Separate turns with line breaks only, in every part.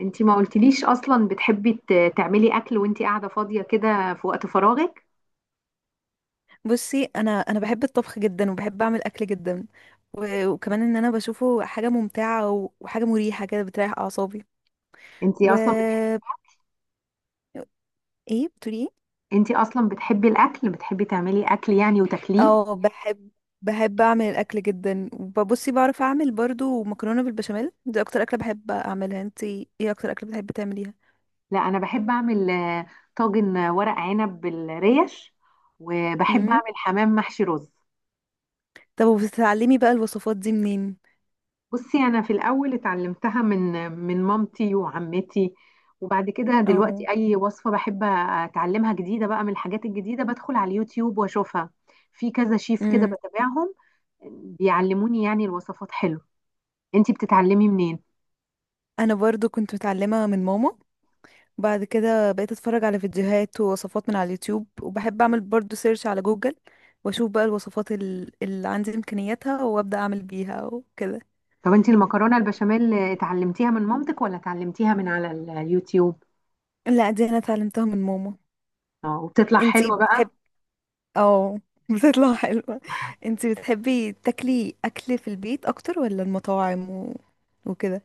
انتي ما قلتليش اصلا بتحبي تعملي اكل وانتي قاعده فاضيه كده في وقت فراغك؟
بصي، انا بحب الطبخ جدا، وبحب اعمل اكل جدا. وكمان انا بشوفه حاجه ممتعه، وحاجه مريحه كده بتريح اعصابي.
انتي
و
اصلا بتحبي.
ايه؟ بتقولي ايه؟
انتي اصلا بتحبي الاكل، بتحبي تعملي اكل يعني وتاكليه؟
اه، بحب. بحب اعمل الاكل جدا. وبصي، بعرف اعمل برضو مكرونه بالبشاميل. دي اكتر اكله بحب اعملها. انتي ايه اكتر اكله بتحبي تعمليها؟
لا، انا بحب اعمل طاجن، ورق عنب بالريش. وبحب
امم
اعمل حمام محشي رز.
طب، وبتتعلمي بقى الوصفات دي منين؟
بصي، انا في الاول اتعلمتها من مامتي وعمتي. وبعد كده
او.
دلوقتي اي وصفه بحب اتعلمها جديده بقى، من الحاجات الجديده بدخل على اليوتيوب واشوفها. في كذا شيف كده
امم
بتابعهم. بيعلموني يعني الوصفات، حلو. انتي بتتعلمي منين؟
انا برضو كنت متعلمه من ماما. بعد كده بقيت اتفرج على فيديوهات ووصفات من على اليوتيوب، وبحب اعمل برضو سيرش على جوجل. واشوف بقى الوصفات اللي عندي امكانياتها، وابدا اعمل بيها وكده.
طب انتي المكرونه البشاميل اتعلمتيها من مامتك ولا اتعلمتيها من على اليوتيوب؟
لا، دي انا اتعلمتها من ماما.
اه، وبتطلع
انتي
حلوه بقى؟
بتحب... اه. بتطلع حلوة. انتي بتحبي تاكلي اكل في البيت اكتر ولا المطاعم وكده؟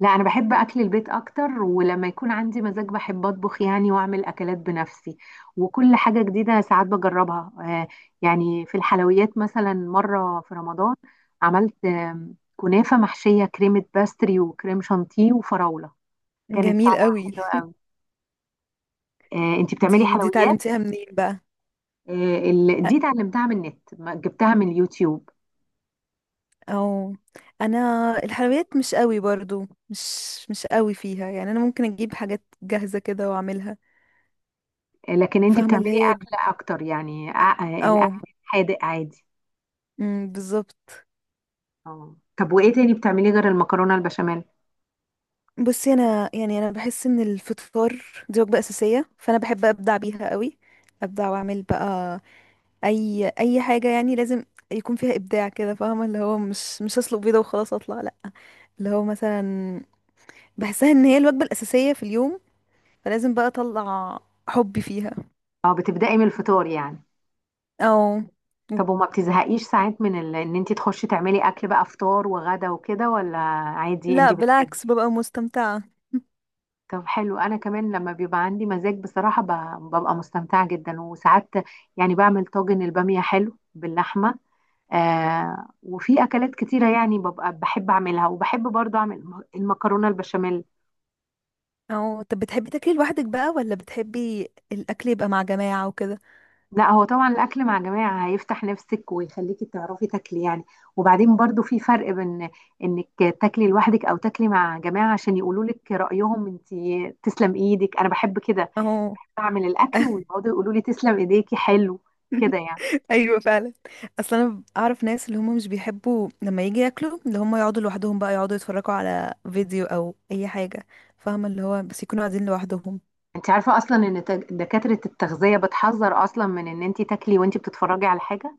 لا، انا بحب اكل البيت اكتر، ولما يكون عندي مزاج بحب اطبخ يعني واعمل اكلات بنفسي. وكل حاجه جديده ساعات بجربها. يعني في الحلويات مثلا مره في رمضان عملت كنافه محشيه كريمه باستري وكريم شانتيه وفراوله. كانت
جميل
طعمها
قوي.
حلو قوي. انتي بتعملي
دي
حلويات؟
اتعلمتيها منين بقى؟
دي اتعلمتها من النت، جبتها من اليوتيوب.
او. انا... الحلويات مش قوي برضو، مش... مش قوي فيها يعني. انا ممكن اجيب حاجات جاهزة كده واعملها.
لكن انت
فاهمة اللي
بتعملي
هي.
اكل اكتر يعني،
او.
الاكل حادق عادي.
أمم، بالظبط.
اه طب، وايه تاني بتعمليه غير المكرونه البشاميل؟
بصي، انا يعني انا بحس ان الفطار... دي وجبة اساسية، فانا بحب ابدع بيها قوي. ابدع واعمل بقى اي حاجة يعني، لازم يكون فيها ابداع كده، فاهمة اللي هو، مش هسلق بيضة وخلاص اطلع، لا. اللي هو مثلا، بحسها ان هي الوجبة الاساسية في اليوم، فلازم بقى اطلع حبي فيها.
اه، بتبداي من الفطار يعني؟
او.
طب وما بتزهقيش ساعات من ان انت تخشي تعملي اكل بقى فطار وغدا وكده، ولا عادي انت
لا،
بتحبي؟
بالعكس، ببقى مستمتعة.
طب حلو، انا كمان لما بيبقى عندي مزاج بصراحه ببقى مستمتعه جدا، وساعات يعني بعمل طاجن الباميه حلو باللحمه. وفي اكلات كتيره يعني ببقى بحب اعملها، وبحب برضه اعمل المكرونه البشاميل.
او طب، بتحبي تاكلي لوحدك بقى ولا بتحبي الاكل يبقى مع جماعة وكده؟
لا، هو طبعا الاكل مع جماعه هيفتح نفسك ويخليكي تعرفي تاكلي يعني. وبعدين برضه في فرق بين انك تاكلي لوحدك او تاكلي مع جماعه، عشان يقولوا لك رايهم. انت تسلم ايدك، انا بحب كده
اهو.
اعمل الاكل ويقعدوا يقولوا لي تسلم ايديكي، حلو كده يعني.
ايوه، فعلا. اصل انا اعرف ناس اللي هم مش بيحبوا لما يجي ياكلوا، اللي هم يقعدوا لوحدهم بقى يقعدوا يتفرجوا على فيديو او اي حاجة. فاهمة اللي هو، بس يكونوا قاعدين لوحدهم.
انت عارفه اصلا ان دكاتره التغذيه بتحذر اصلا من ان انت تاكلي وانت بتتفرجي على حاجه؟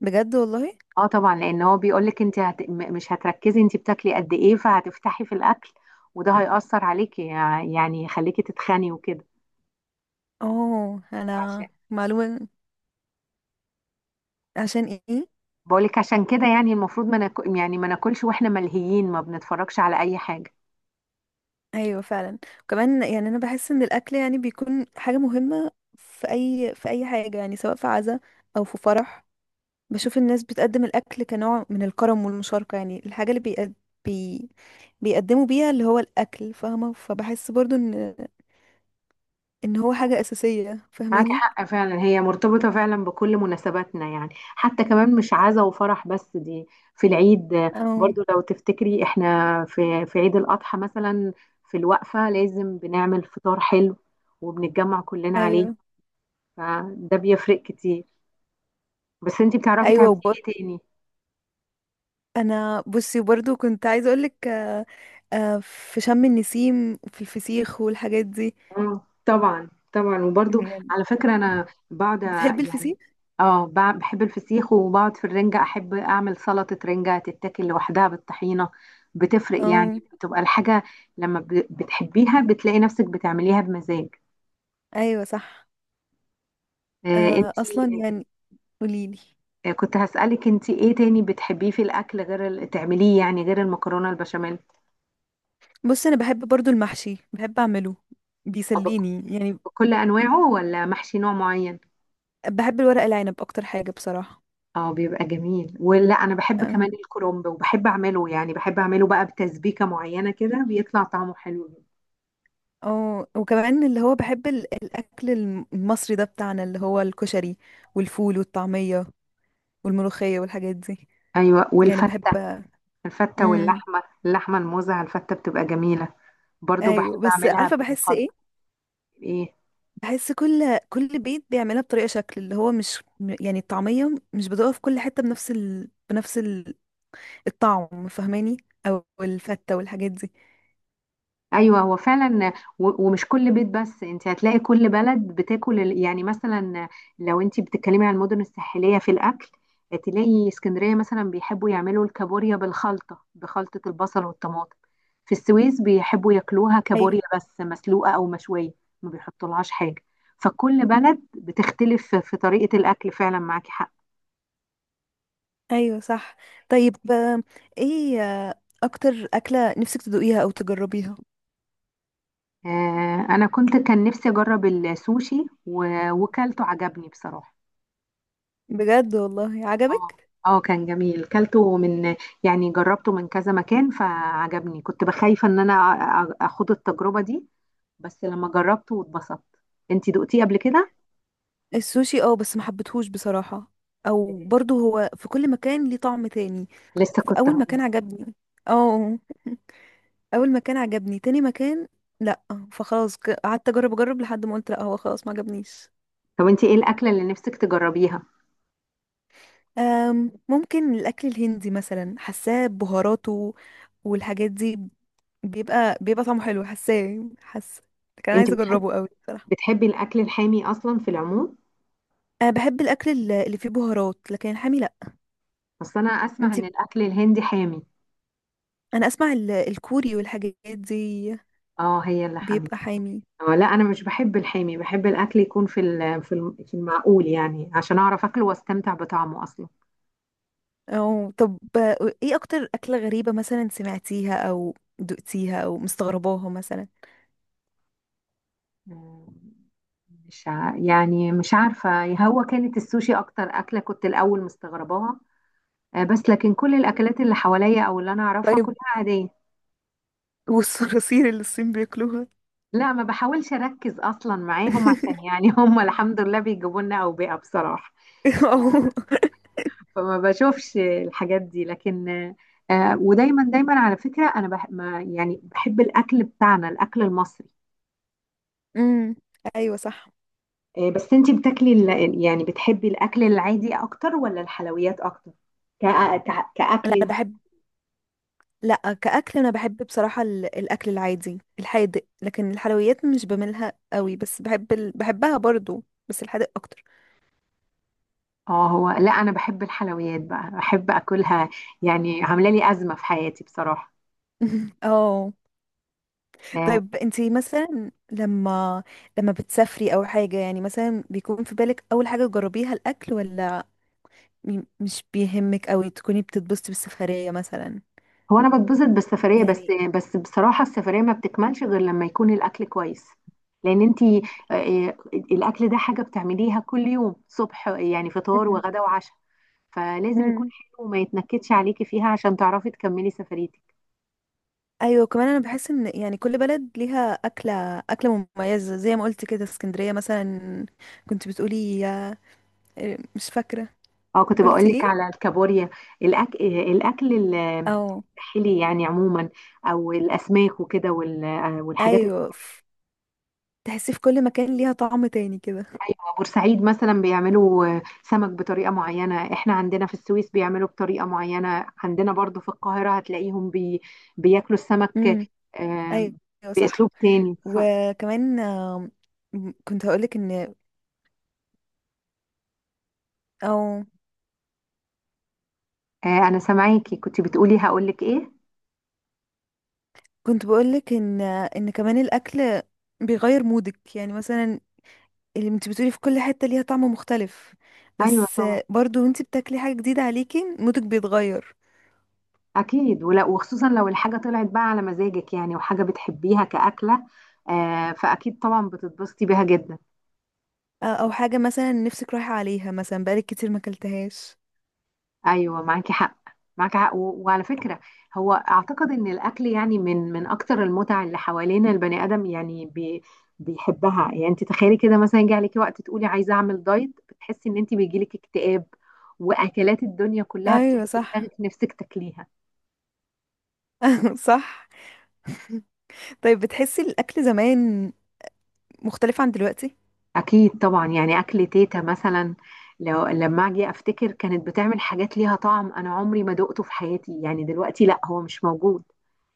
بجد؟ والله.
اه طبعا، لان هو بيقولك انت مش هتركزي انت بتاكلي قد ايه، فهتفتحي في الاكل. وده هيأثر عليكي يعني يخليكي تتخني وكده.
اه،
عشان
انا معلومة. عشان ايه؟
بقولك عشان كده، يعني المفروض ما ناكل، يعني ما ناكلش واحنا ملهيين، ما بنتفرجش على اي حاجه.
ايوه فعلا. وكمان يعني انا بحس ان الاكل يعني بيكون حاجه مهمه. في اي حاجه، يعني سواء في عزا، او في فرح. بشوف الناس بتقدم الاكل كنوع من الكرم والمشاركه، يعني الحاجه اللي بي... بيقدموا بيها اللي هو الاكل، فاهمه، فبحس برضو ان هو حاجه اساسيه،
معاكي
فاهماني.
حق فعلا، هي مرتبطه فعلا بكل مناسباتنا يعني، حتى كمان مش عزا وفرح بس دي. في العيد،
اه.
برضو لو تفتكري احنا في عيد الاضحى مثلا. في الوقفه لازم بنعمل فطار حلو، وبنتجمع كلنا عليه.
ايوه
فده بيفرق كتير. بس انتي بتعرفي
ايوه،
تعملي
وب...
ايه تاني؟
انا بصي، برضو كنت عايزه اقولك في شم النسيم وفي الفسيخ والحاجات دي.
اه طبعا طبعا، وبرضو
يعني.
على فكرة انا بقعد
بتحبي
يعني.
الفسيخ؟
اه، بحب الفسيخ، وبقعد في الرنجة احب اعمل سلطة رنجة تتاكل لوحدها بالطحينة. بتفرق
اه،
يعني، بتبقى الحاجة لما بتحبيها بتلاقي نفسك بتعمليها بمزاج.
ايوه، صح. اصلا
انتي،
يعني. قوليلي.
كنت هسألك انتي ايه تاني بتحبيه في الاكل، غير تعمليه يعني، غير المكرونة البشاميل؟
بص، انا بحب برضو المحشي، بحب اعمله.
أو
بيسليني يعني.
بكل انواعه، ولا محشي نوع معين؟
بحب الورق العنب، اكتر حاجة بصراحة.
اه بيبقى جميل، ولا انا بحب كمان
أم.
الكرنب وبحب اعمله يعني، بحب اعمله بقى بتسبيكة معينة كده بيطلع طعمه حلو جدا.
اه، وكمان اللي هو بحب الاكل المصري ده بتاعنا اللي هو الكشري، والفول والطعمية، والملوخية والحاجات دي.
ايوه،
يعني بحب.
والفتة. الفتة
امم،
واللحمة الموزة على الفتة بتبقى جميلة. برضو بحب
ايوه، بس
اعملها
عارفة بحس ايه؟
بالمخلط. ايه؟
بحس كل بيت بيعملها بطريقة شكل، اللي هو مش يعني الطعمية مش بتقف في كل حتة بنفس بنفس... الطعم، فاهماني. او الفتة والحاجات دي.
ايوه، هو فعلا ومش كل بيت بس، انت هتلاقي كل بلد بتاكل يعني مثلا لو انت بتتكلمي عن المدن الساحليه في الاكل، تلاقي اسكندريه مثلا بيحبوا يعملوا الكابوريا بالخلطه، بخلطه البصل والطماطم. في السويس بيحبوا ياكلوها
ايوه،
كابوريا بس مسلوقه او مشويه، ما بيحطولهاش حاجه. فكل بلد بتختلف في طريقه الاكل، فعلا معاكي حق.
ايوه، صح. طيب، ايه اكتر اكلة نفسك تدوقيها او تجربيها؟
انا كان نفسي اجرب السوشي، وكلته عجبني بصراحه.
بجد؟ والله
اه.
عجبك؟
اه، كان جميل كلته من يعني، جربته من كذا مكان فعجبني، كنت بخايفة ان انا اخد التجربة دي. بس لما جربته واتبسطت. انتي دقتيه قبل كده؟
السوشي، اه، بس ما حبيتهوش بصراحة. او برضو هو في كل مكان ليه طعم تاني.
لسه كنت
فاول
هقول.
مكان عجبني. اه، اول مكان عجبني، تاني مكان... لا. فخلاص، قعدت اجرب اجرب لحد ما قلت لا، هو خلاص ما عجبنيش.
طب انتي ايه الاكلة اللي نفسك تجربيها؟
ممكن الاكل الهندي مثلا، حاساه بهاراته والحاجات دي. بيبقى طعمه حلو، حاساه، حاسه... كان
انتي
عايزه
بتحب
اجربه قوي بصراحه.
بتحبي الاكل الحامي اصلا في العموم؟
انا بحب الاكل اللي فيه بهارات، لكن الحامي لا.
بس انا اسمع
انت...
ان الاكل الهندي حامي.
انا اسمع الكوري والحاجات دي.
اه، هي اللي حامي.
بيبقى حامي.
اه لا، انا مش بحب الحامي، بحب الاكل يكون في في المعقول يعني، عشان اعرف اكله واستمتع بطعمه اصلا.
او طب، ايه اكتر اكله غريبه مثلا سمعتيها او دقتيها او مستغرباها مثلا؟
آه، مش ع... يعني مش عارفة، هو كانت السوشي أكتر أكلة كنت الأول مستغرباها. بس لكن كل الأكلات اللي حواليا أو اللي أنا أعرفها
طيب،
كلها عادية.
والصراصير اللي الصين بياكلوها؟
لا، ما بحاولش أركز أصلا معاهم، عشان يعني هم الحمد لله بيجيبوا لنا أوبئة بصراحة.
أو-.
فما بشوفش الحاجات دي، لكن ودايما دايما على فكرة أنا ما يعني بحب الأكل بتاعنا، الأكل المصري.
امم، ايوه، صح.
بس أنتي بتاكلي يعني بتحبي الأكل العادي أكتر ولا الحلويات أكتر؟
لا،
كأكل.
انا بحب... لا، كأكل أنا بحب بصراحة الأكل العادي الحادق، لكن الحلويات مش بملها قوي، بس بحبها برضو بس الحادق أكتر.
اه هو لا، انا بحب الحلويات بقى، بحب اكلها. يعني عامله لي ازمه في حياتي بصراحه.
اه.
آه،
طيب، انتي مثلا لما بتسافري أو حاجة يعني، مثلا بيكون في بالك أول حاجة تجربيها الأكل، ولا مش بيهمك أوي تكوني بتتبسطي بالسفرية مثلا؟
هو انا بتبسط بالسفريه بس.
يعني.
بس بصراحه، السفريه ما بتكملش غير لما يكون الاكل كويس. لان انتي الاكل ده حاجه بتعمليها كل يوم صبح، يعني فطار
مم.
وغدا وعشاء. فلازم يكون
مم.
حلو وما يتنكدش عليكي فيها، عشان تعرفي تكملي سفريتك.
ايوه، كمان انا بحس ان يعني كل بلد ليها اكله مميزه، زي ما قلت كده اسكندريه مثلا. كنت بتقولي؟ إيه، مش فاكرة.
اه، كنت بقول
قلتي
لك
ايه؟
على الكابوريا. الأك... آه، الاكل ال-
او.
الحلي يعني عموما، او الاسماك وكده، والحاجات.
ايوه، تحسيه في كل مكان ليها طعم تاني كده.
ايوه بورسعيد مثلا بيعملوا سمك بطريقه معينه، احنا عندنا في السويس بيعملوا بطريقه معينه، عندنا برضو في القاهره هتلاقيهم بياكلوا السمك
امم،
آه،
ايوه،
باسلوب
صح.
تاني.
وكمان كنت هقولك ان... او،
انا سامعاكي، كنت بتقولي هقولك ايه؟
كنت بقولك ان كمان الاكل بيغير مودك، يعني مثلا اللي انت بتقولي في كل حتة ليها طعم مختلف.
ايوه
بس
طبعا.
برضو، وانت بتاكلي حاجة جديدة عليكي مودك بيتغير.
اكيد ولا، وخصوصا لو الحاجه طلعت بقى على مزاجك يعني، وحاجه بتحبيها كاكله. فاكيد طبعا بتتبسطي بيها جدا.
او حاجة مثلا نفسك رايحة عليها، مثلا بقالك كتير ما اكلتهاش.
ايوه، معاكي حق. معاكي حق وعلى فكره، هو اعتقد ان الاكل يعني من اكتر المتع اللي حوالينا، البني ادم يعني بيحبها، يعني انت تخيلي كده مثلا يجي عليكي وقت تقولي عايزه اعمل دايت، بتحسي ان انت بيجيلك اكتئاب واكلات الدنيا كلها
ايوه
بتيجي في دماغك
صح.
نفسك تاكليها.
صح. طيب، بتحسي الأكل زمان مختلف عن دلوقتي؟
اكيد طبعا، يعني اكل تيتا مثلا لما اجي افتكر كانت بتعمل حاجات ليها طعم انا عمري ما دقته في حياتي، يعني دلوقتي لا هو مش موجود.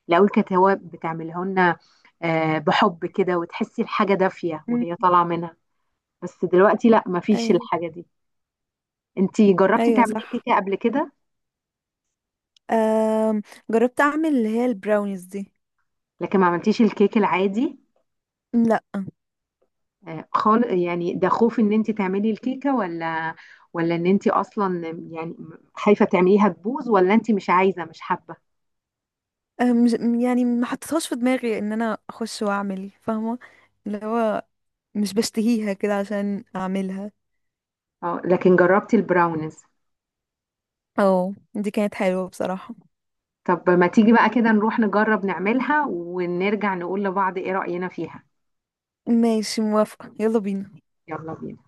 لو الكتاوب بتعملها لنا، بحب كده، وتحسي الحاجة دافية وهي
مم.
طالعة منها. بس دلوقتي لا، مفيش
ايوه.
الحاجة دي. انتي جربتي
ايوه،
تعملي
صح.
كيكة قبل كده؟
أم... جربت أعمل اللي هي البراونيز دي.
لكن ما عملتيش الكيك العادي
لا.
خالص يعني، ده خوف ان انتي تعملي الكيكة، ولا ولا ان انتي اصلا يعني، خايفة تعمليها تبوظ، ولا انتي مش عايزة مش حابة؟
أم... مش- يعني ما حطيتهاش في دماغي إن أنا أخش وأعمل، فاهمة اللي هو مش بشتهيها كده عشان أعملها.
اه، لكن جربتي البراونيز.
أو دي كانت حلوة بصراحة.
طب، ما تيجي بقى كده نروح نجرب نعملها ونرجع نقول لبعض ايه رأينا فيها؟
ماشي، موافقة، يلا بينا.
يلا بينا.